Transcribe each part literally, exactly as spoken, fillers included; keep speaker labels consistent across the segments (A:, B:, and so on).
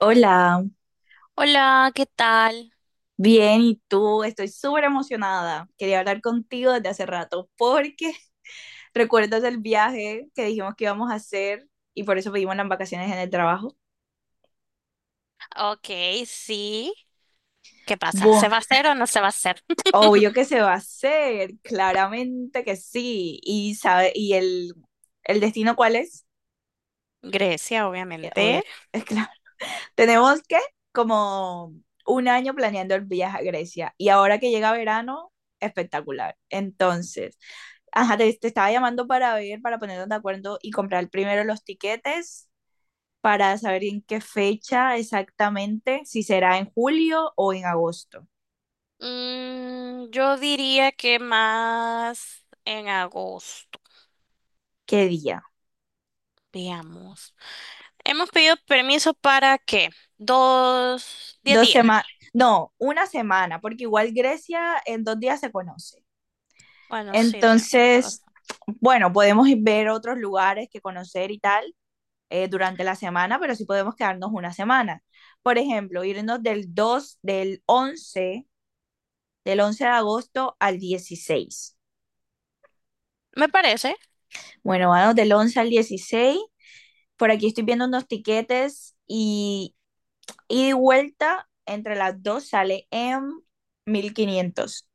A: Hola,
B: Hola, ¿qué tal?
A: bien, ¿y tú? Estoy súper emocionada. Quería hablar contigo desde hace rato porque recuerdas el viaje que dijimos que íbamos a hacer y por eso pedimos las vacaciones en el trabajo.
B: Ok, sí. ¿Qué pasa? ¿Se
A: Bueno,
B: va a hacer o no se va a hacer?
A: obvio que se va a hacer, claramente que sí. ¿Y sabe, y el, el destino cuál es?
B: Grecia,
A: Eh, Obvio.
B: obviamente.
A: Tenemos que, como, un año planeando el viaje a Grecia, y ahora que llega verano, espectacular. Entonces, ajá, te, te estaba llamando para ver, para ponernos de acuerdo y comprar primero los tiquetes para saber en qué fecha exactamente, si será en julio o en agosto.
B: Mm, yo diría que más en agosto,
A: ¿Qué día?
B: veamos. Hemos pedido permiso para ¿qué? Dos, diez
A: Dos
B: días.
A: semanas, no, una semana, porque igual Grecia en dos días se conoce.
B: Bueno, sí, de-
A: Entonces, bueno, podemos ir ver otros lugares que conocer y tal, eh, durante la semana, pero sí podemos quedarnos una semana. Por ejemplo, irnos del dos del once del once de agosto al dieciséis.
B: me parece,
A: Bueno, vamos del once al dieciséis. Por aquí estoy viendo unos tiquetes y, y de vuelta entre las dos sale en mil quinientos.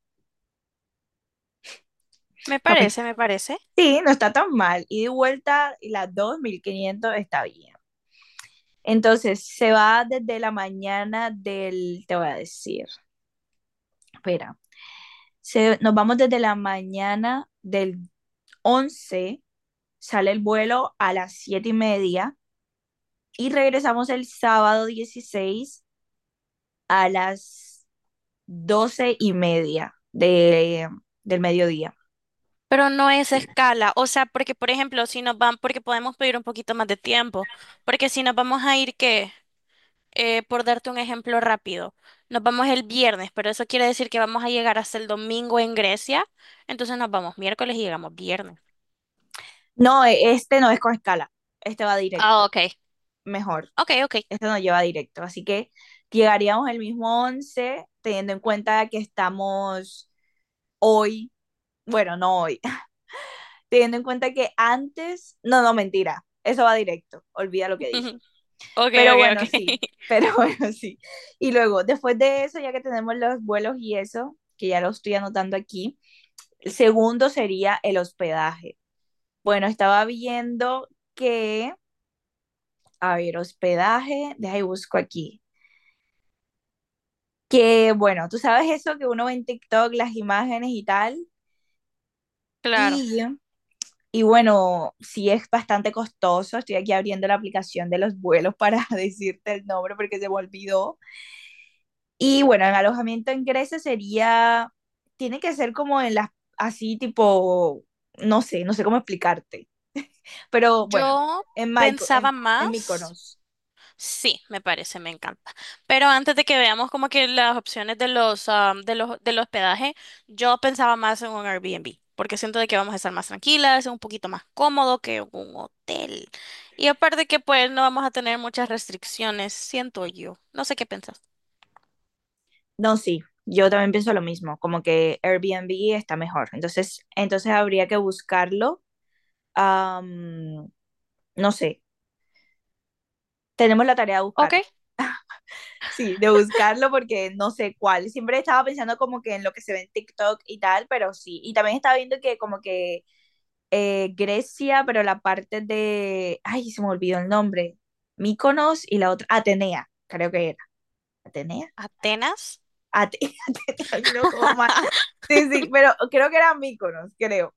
B: me parece, me parece.
A: Sí, no está tan mal. Y de vuelta y las dos, mil quinientos está bien. Entonces, se va desde la mañana del, te voy a decir, espera, Se, nos vamos desde la mañana del once, sale el vuelo a las siete y media, y regresamos el sábado dieciséis a las doce y media de, del mediodía.
B: Pero no es escala, o sea, porque por ejemplo, si nos van, porque podemos pedir un poquito más de tiempo, porque si nos vamos a ir, ¿qué? Eh, por darte un ejemplo rápido, nos vamos el viernes, pero eso quiere decir que vamos a llegar hasta el domingo en Grecia, entonces nos vamos miércoles y llegamos viernes.
A: No, e- este no es con escala, este va directo,
B: Ah, ok.
A: mejor,
B: Ok, ok.
A: este nos lleva directo, así que llegaríamos el mismo once, teniendo en cuenta que estamos hoy, bueno, no hoy, teniendo en cuenta que antes, no, no, mentira, eso va directo, olvida lo que dije.
B: Ok,
A: Pero
B: ok, ok.
A: bueno, sí, pero bueno, sí. Y luego, después de eso, ya que tenemos los vuelos y eso, que ya lo estoy anotando aquí, el segundo sería el hospedaje. Bueno, estaba viendo que, a ver, hospedaje, deja y busco aquí. Que bueno, tú sabes eso que uno ve en TikTok, las imágenes y tal.
B: Claro.
A: Y Y bueno, sí, es bastante costoso. Estoy aquí abriendo la aplicación de los vuelos para decirte el nombre porque se me olvidó. Y bueno, en alojamiento en Grecia sería, tiene que ser como en las, así tipo, no sé, no sé cómo explicarte. Pero bueno,
B: Yo
A: en, Myko-
B: pensaba
A: en, en
B: más.
A: Mykonos.
B: Sí, me parece, me encanta. Pero antes de que veamos como que las opciones de los, ah, de los, del hospedaje, yo pensaba más en un Airbnb, porque siento de que vamos a estar más tranquilas, un poquito más cómodo que un hotel. Y aparte que pues no vamos a tener muchas restricciones, siento yo. No sé qué pensás.
A: No, sí, yo también pienso lo mismo, como que Airbnb está mejor. Entonces, entonces habría que buscarlo. am, no sé, tenemos la tarea de
B: Ok,
A: buscarlo. Sí, de buscarlo porque no sé cuál. Siempre estaba pensando como que en lo que se ve en TikTok y tal, pero sí. Y también estaba viendo que como que eh, Grecia, pero la parte de... Ay, se me olvidó el nombre. Míconos y la otra... Atenea, creo que era. Atenea.
B: Atenas.
A: Ate- Ay, no, todo mal. Sí, sí, pero creo que era Míconos, creo.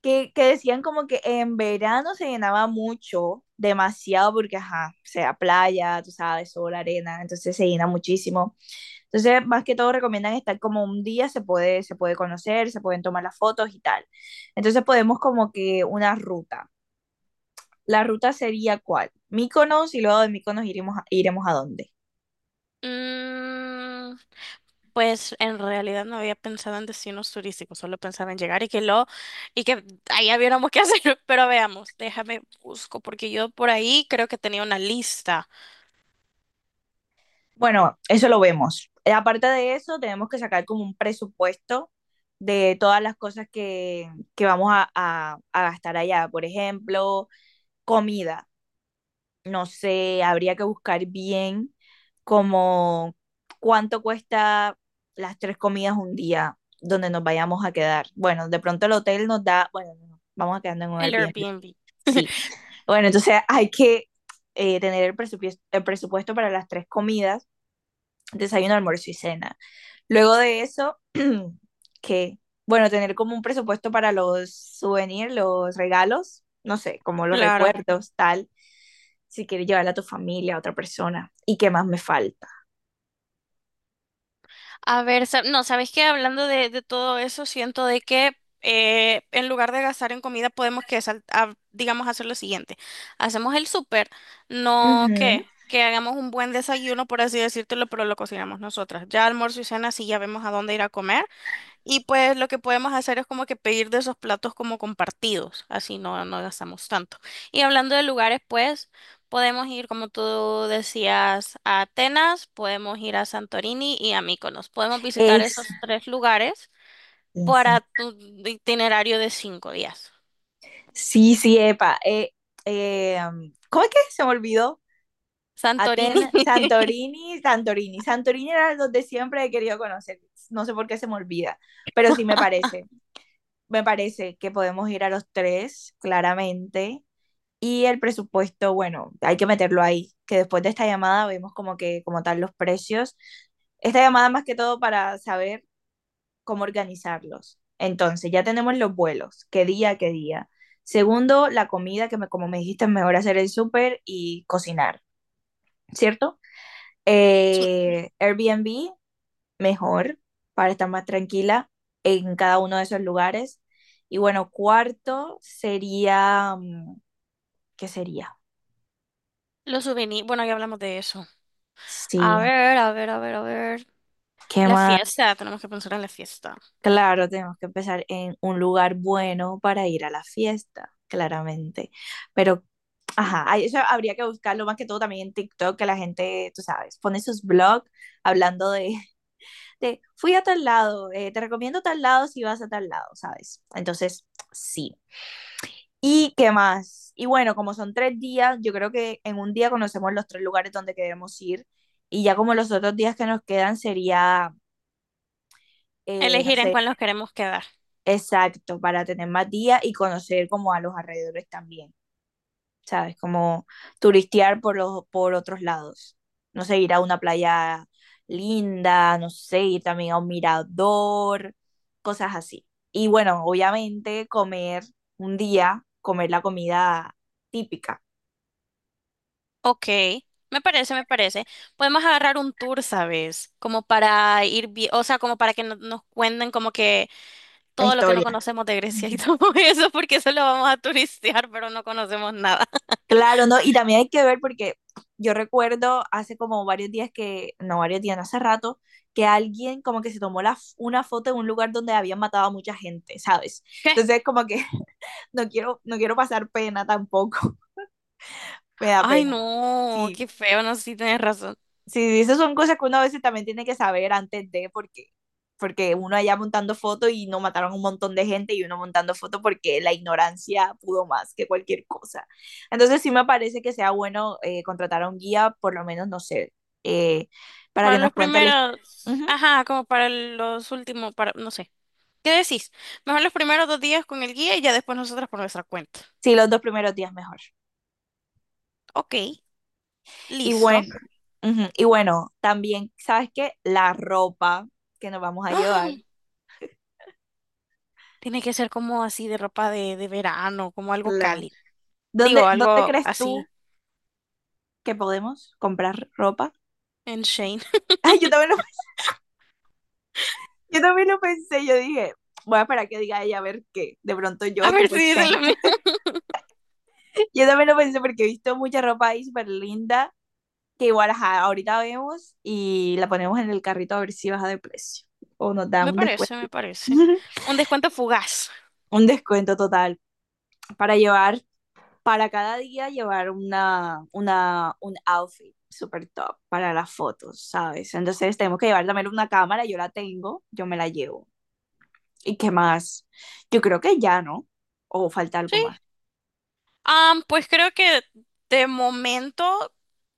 A: Que, que decían como que en verano se llenaba mucho, demasiado, porque, ajá, o sea, playa, tú sabes, sol, arena, entonces se llena muchísimo. Entonces, más que todo recomiendan estar como un día, se puede, se puede conocer, se pueden tomar las fotos y tal. Entonces podemos como que una ruta. ¿La ruta sería cuál? Mykonos, y luego de Mykonos iremos, a- iremos a dónde.
B: Mm, Pues en realidad no había pensado en destinos turísticos, solo pensaba en llegar y que lo y que allá viéramos qué hacer, pero veamos, déjame busco porque yo por ahí creo que tenía una lista,
A: Bueno, eso lo vemos. Eh, Aparte de eso, tenemos que sacar como un presupuesto de todas las cosas que, que vamos a, a- a gastar allá. Por ejemplo, comida. No sé, habría que buscar bien como cuánto cuesta las tres comidas un día donde nos vayamos a quedar. Bueno, de pronto el hotel nos da, bueno, no, vamos a quedarnos en un
B: el
A: Airbnb.
B: Airbnb.
A: Sí. Bueno, entonces hay que eh, tener el presupuesto, el presupuesto para las tres comidas, desayuno, almuerzo y cena. Luego de eso, que, bueno, tener como un presupuesto para los souvenirs, los regalos, no sé, como los
B: Claro.
A: recuerdos, tal, si quieres llevarla a tu familia, a otra persona, y qué más me falta.
B: A ver, sa- no, ¿sabes qué? Hablando de, de todo eso, siento de que eh, en lugar de gastar en comida podemos que sal- a- digamos hacer lo siguiente. Hacemos el súper, no
A: Ujú.
B: que que hagamos un buen desayuno, por así decírtelo, pero lo cocinamos nosotras. Ya almuerzo y cena, sí, ya vemos a dónde ir a comer. Y pues lo que podemos hacer es como que pedir de esos platos como compartidos, así no, no gastamos tanto. Y hablando de lugares, pues podemos ir, como tú decías, a Atenas, podemos ir a Santorini y a Mykonos. Podemos visitar
A: Es,
B: esos tres lugares
A: sí, sí,
B: para tu itinerario de cinco días.
A: sí, sí, epa, eh, eh, um, ¿cómo es que se me olvidó?
B: Santorini.
A: Atenas, Santorini, Santorini, Santorini era donde siempre he querido conocer, no sé por qué se me olvida, pero sí me parece, me parece que podemos ir a los tres, claramente. Y el presupuesto, bueno, hay que meterlo ahí, que después de esta llamada vemos como que, como tal, los precios. Esta llamada más que todo para saber cómo organizarlos. Entonces, ya tenemos los vuelos, qué día, qué día. Segundo, la comida, que me, como me dijiste, es mejor hacer el súper y cocinar, ¿cierto? Eh, Airbnb, mejor, para estar más tranquila en cada uno de esos lugares. Y bueno, cuarto sería, mm, ¿qué sería?
B: Los souvenirs, bueno, ya hablamos de eso. A
A: Sí,
B: ver, a ver, a ver, a ver.
A: ¿qué
B: La
A: más?
B: fiesta, tenemos que pensar en la fiesta.
A: Claro, tenemos que empezar en un lugar bueno para ir a la fiesta, claramente. Pero, ajá, ahí eso habría que buscarlo más que todo también en TikTok, que la gente, tú sabes, pone sus blogs hablando de, de fui a tal lado, eh, te recomiendo tal lado si vas a tal lado, ¿sabes? Entonces, sí. ¿Y qué más? Y bueno, como son tres días, yo creo que en un día conocemos los tres lugares donde queremos ir, y ya como los otros días que nos quedan sería, eh, no
B: Elegir en
A: sé.
B: cuál nos queremos quedar.
A: Exacto, para tener más días y conocer como a los alrededores también, ¿sabes? Como turistear por los, por otros lados. No sé, ir a una playa linda, no sé, ir también a un mirador, cosas así. Y bueno, obviamente comer un día, comer la comida típica,
B: Ok, me parece, me parece. Podemos agarrar un tour, ¿sabes? Como para ir, vi- o sea, como para que no- nos cuenten como que
A: la
B: todo lo que no
A: historia.
B: conocemos de Grecia y todo eso, porque solo vamos a turistear, pero no conocemos nada.
A: Claro, ¿no? Y también hay que ver porque yo recuerdo hace como varios días que, no varios días, no, hace rato, que alguien como que se tomó la, f- una foto en un lugar donde habían matado a mucha gente, ¿sabes?
B: ¿Qué?
A: Entonces como que no quiero, no quiero pasar pena tampoco, me da
B: Ay,
A: pena.
B: no, qué
A: Sí,
B: feo, no sé si tienes razón.
A: sí, esas son cosas que uno a veces también tiene que saber antes de, porque, porque uno allá montando fotos y no, mataron un montón de gente y uno montando fotos porque la ignorancia pudo más que cualquier cosa. Entonces sí me parece que sea bueno, eh, contratar a un guía, por lo menos, no sé, eh, para
B: Para
A: que nos
B: los
A: cuente la his-
B: primeros, ajá, como para los últimos, para, no sé. ¿Qué decís? Mejor los primeros dos días con el guía y ya después nosotras por nuestra cuenta.
A: Sí, los dos primeros días mejor.
B: Ok,
A: Y
B: listo.
A: bueno, ujú. Y bueno, también, ¿sabes qué? La ropa que nos vamos a llevar.
B: Tiene que ser como así de ropa de, de verano, como algo
A: Claro.
B: cálido. Digo,
A: ¿Dónde, dónde
B: algo
A: crees tú
B: así
A: que podemos comprar ropa?
B: en Shane.
A: Ay, yo también lo Yo también lo pensé, yo dije, voy a esperar que diga ella a ver qué. De pronto
B: A
A: yo,
B: ver
A: tipo
B: si dicen lo
A: Shane.
B: mismo.
A: Yo también lo pensé porque he visto mucha ropa ahí súper linda que igual, ajá, ahorita vemos y la ponemos en el carrito a ver si baja de precio o nos da
B: Me
A: un descuento.
B: parece, me parece. Un descuento fugaz.
A: Un descuento total para llevar, para cada día llevar una, una, un outfit super top para las fotos, ¿sabes? Entonces tenemos que llevar también una cámara, yo la tengo, yo me la llevo. ¿Y qué más? Yo creo que ya, ¿no? O falta algo
B: Sí.
A: más.
B: Ah, pues creo que de momento,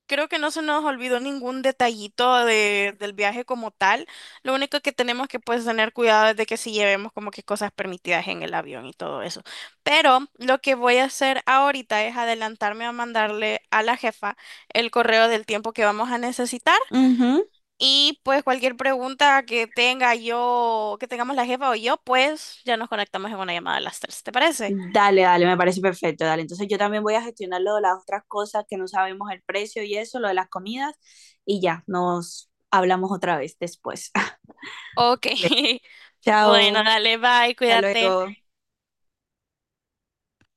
B: creo que no se nos olvidó ningún detallito de- del viaje como tal. Lo único que tenemos que pues tener cuidado es de que si llevemos como que cosas permitidas en el avión y todo eso. Pero lo que voy a hacer ahorita es adelantarme a mandarle a la jefa el correo del tiempo que vamos a necesitar
A: Ujú.
B: y pues cualquier pregunta que tenga yo, que tengamos la jefa o yo, pues ya nos conectamos en una llamada a las tres. ¿Te parece?
A: Dale, dale, me parece perfecto. Dale, entonces yo también voy a gestionar lo de las otras cosas que no sabemos el precio y eso, lo de las comidas, y ya, nos hablamos otra vez después.
B: Ok.
A: Dale.
B: Bueno,
A: Chao,
B: dale, bye,
A: hasta
B: cuídate.
A: luego.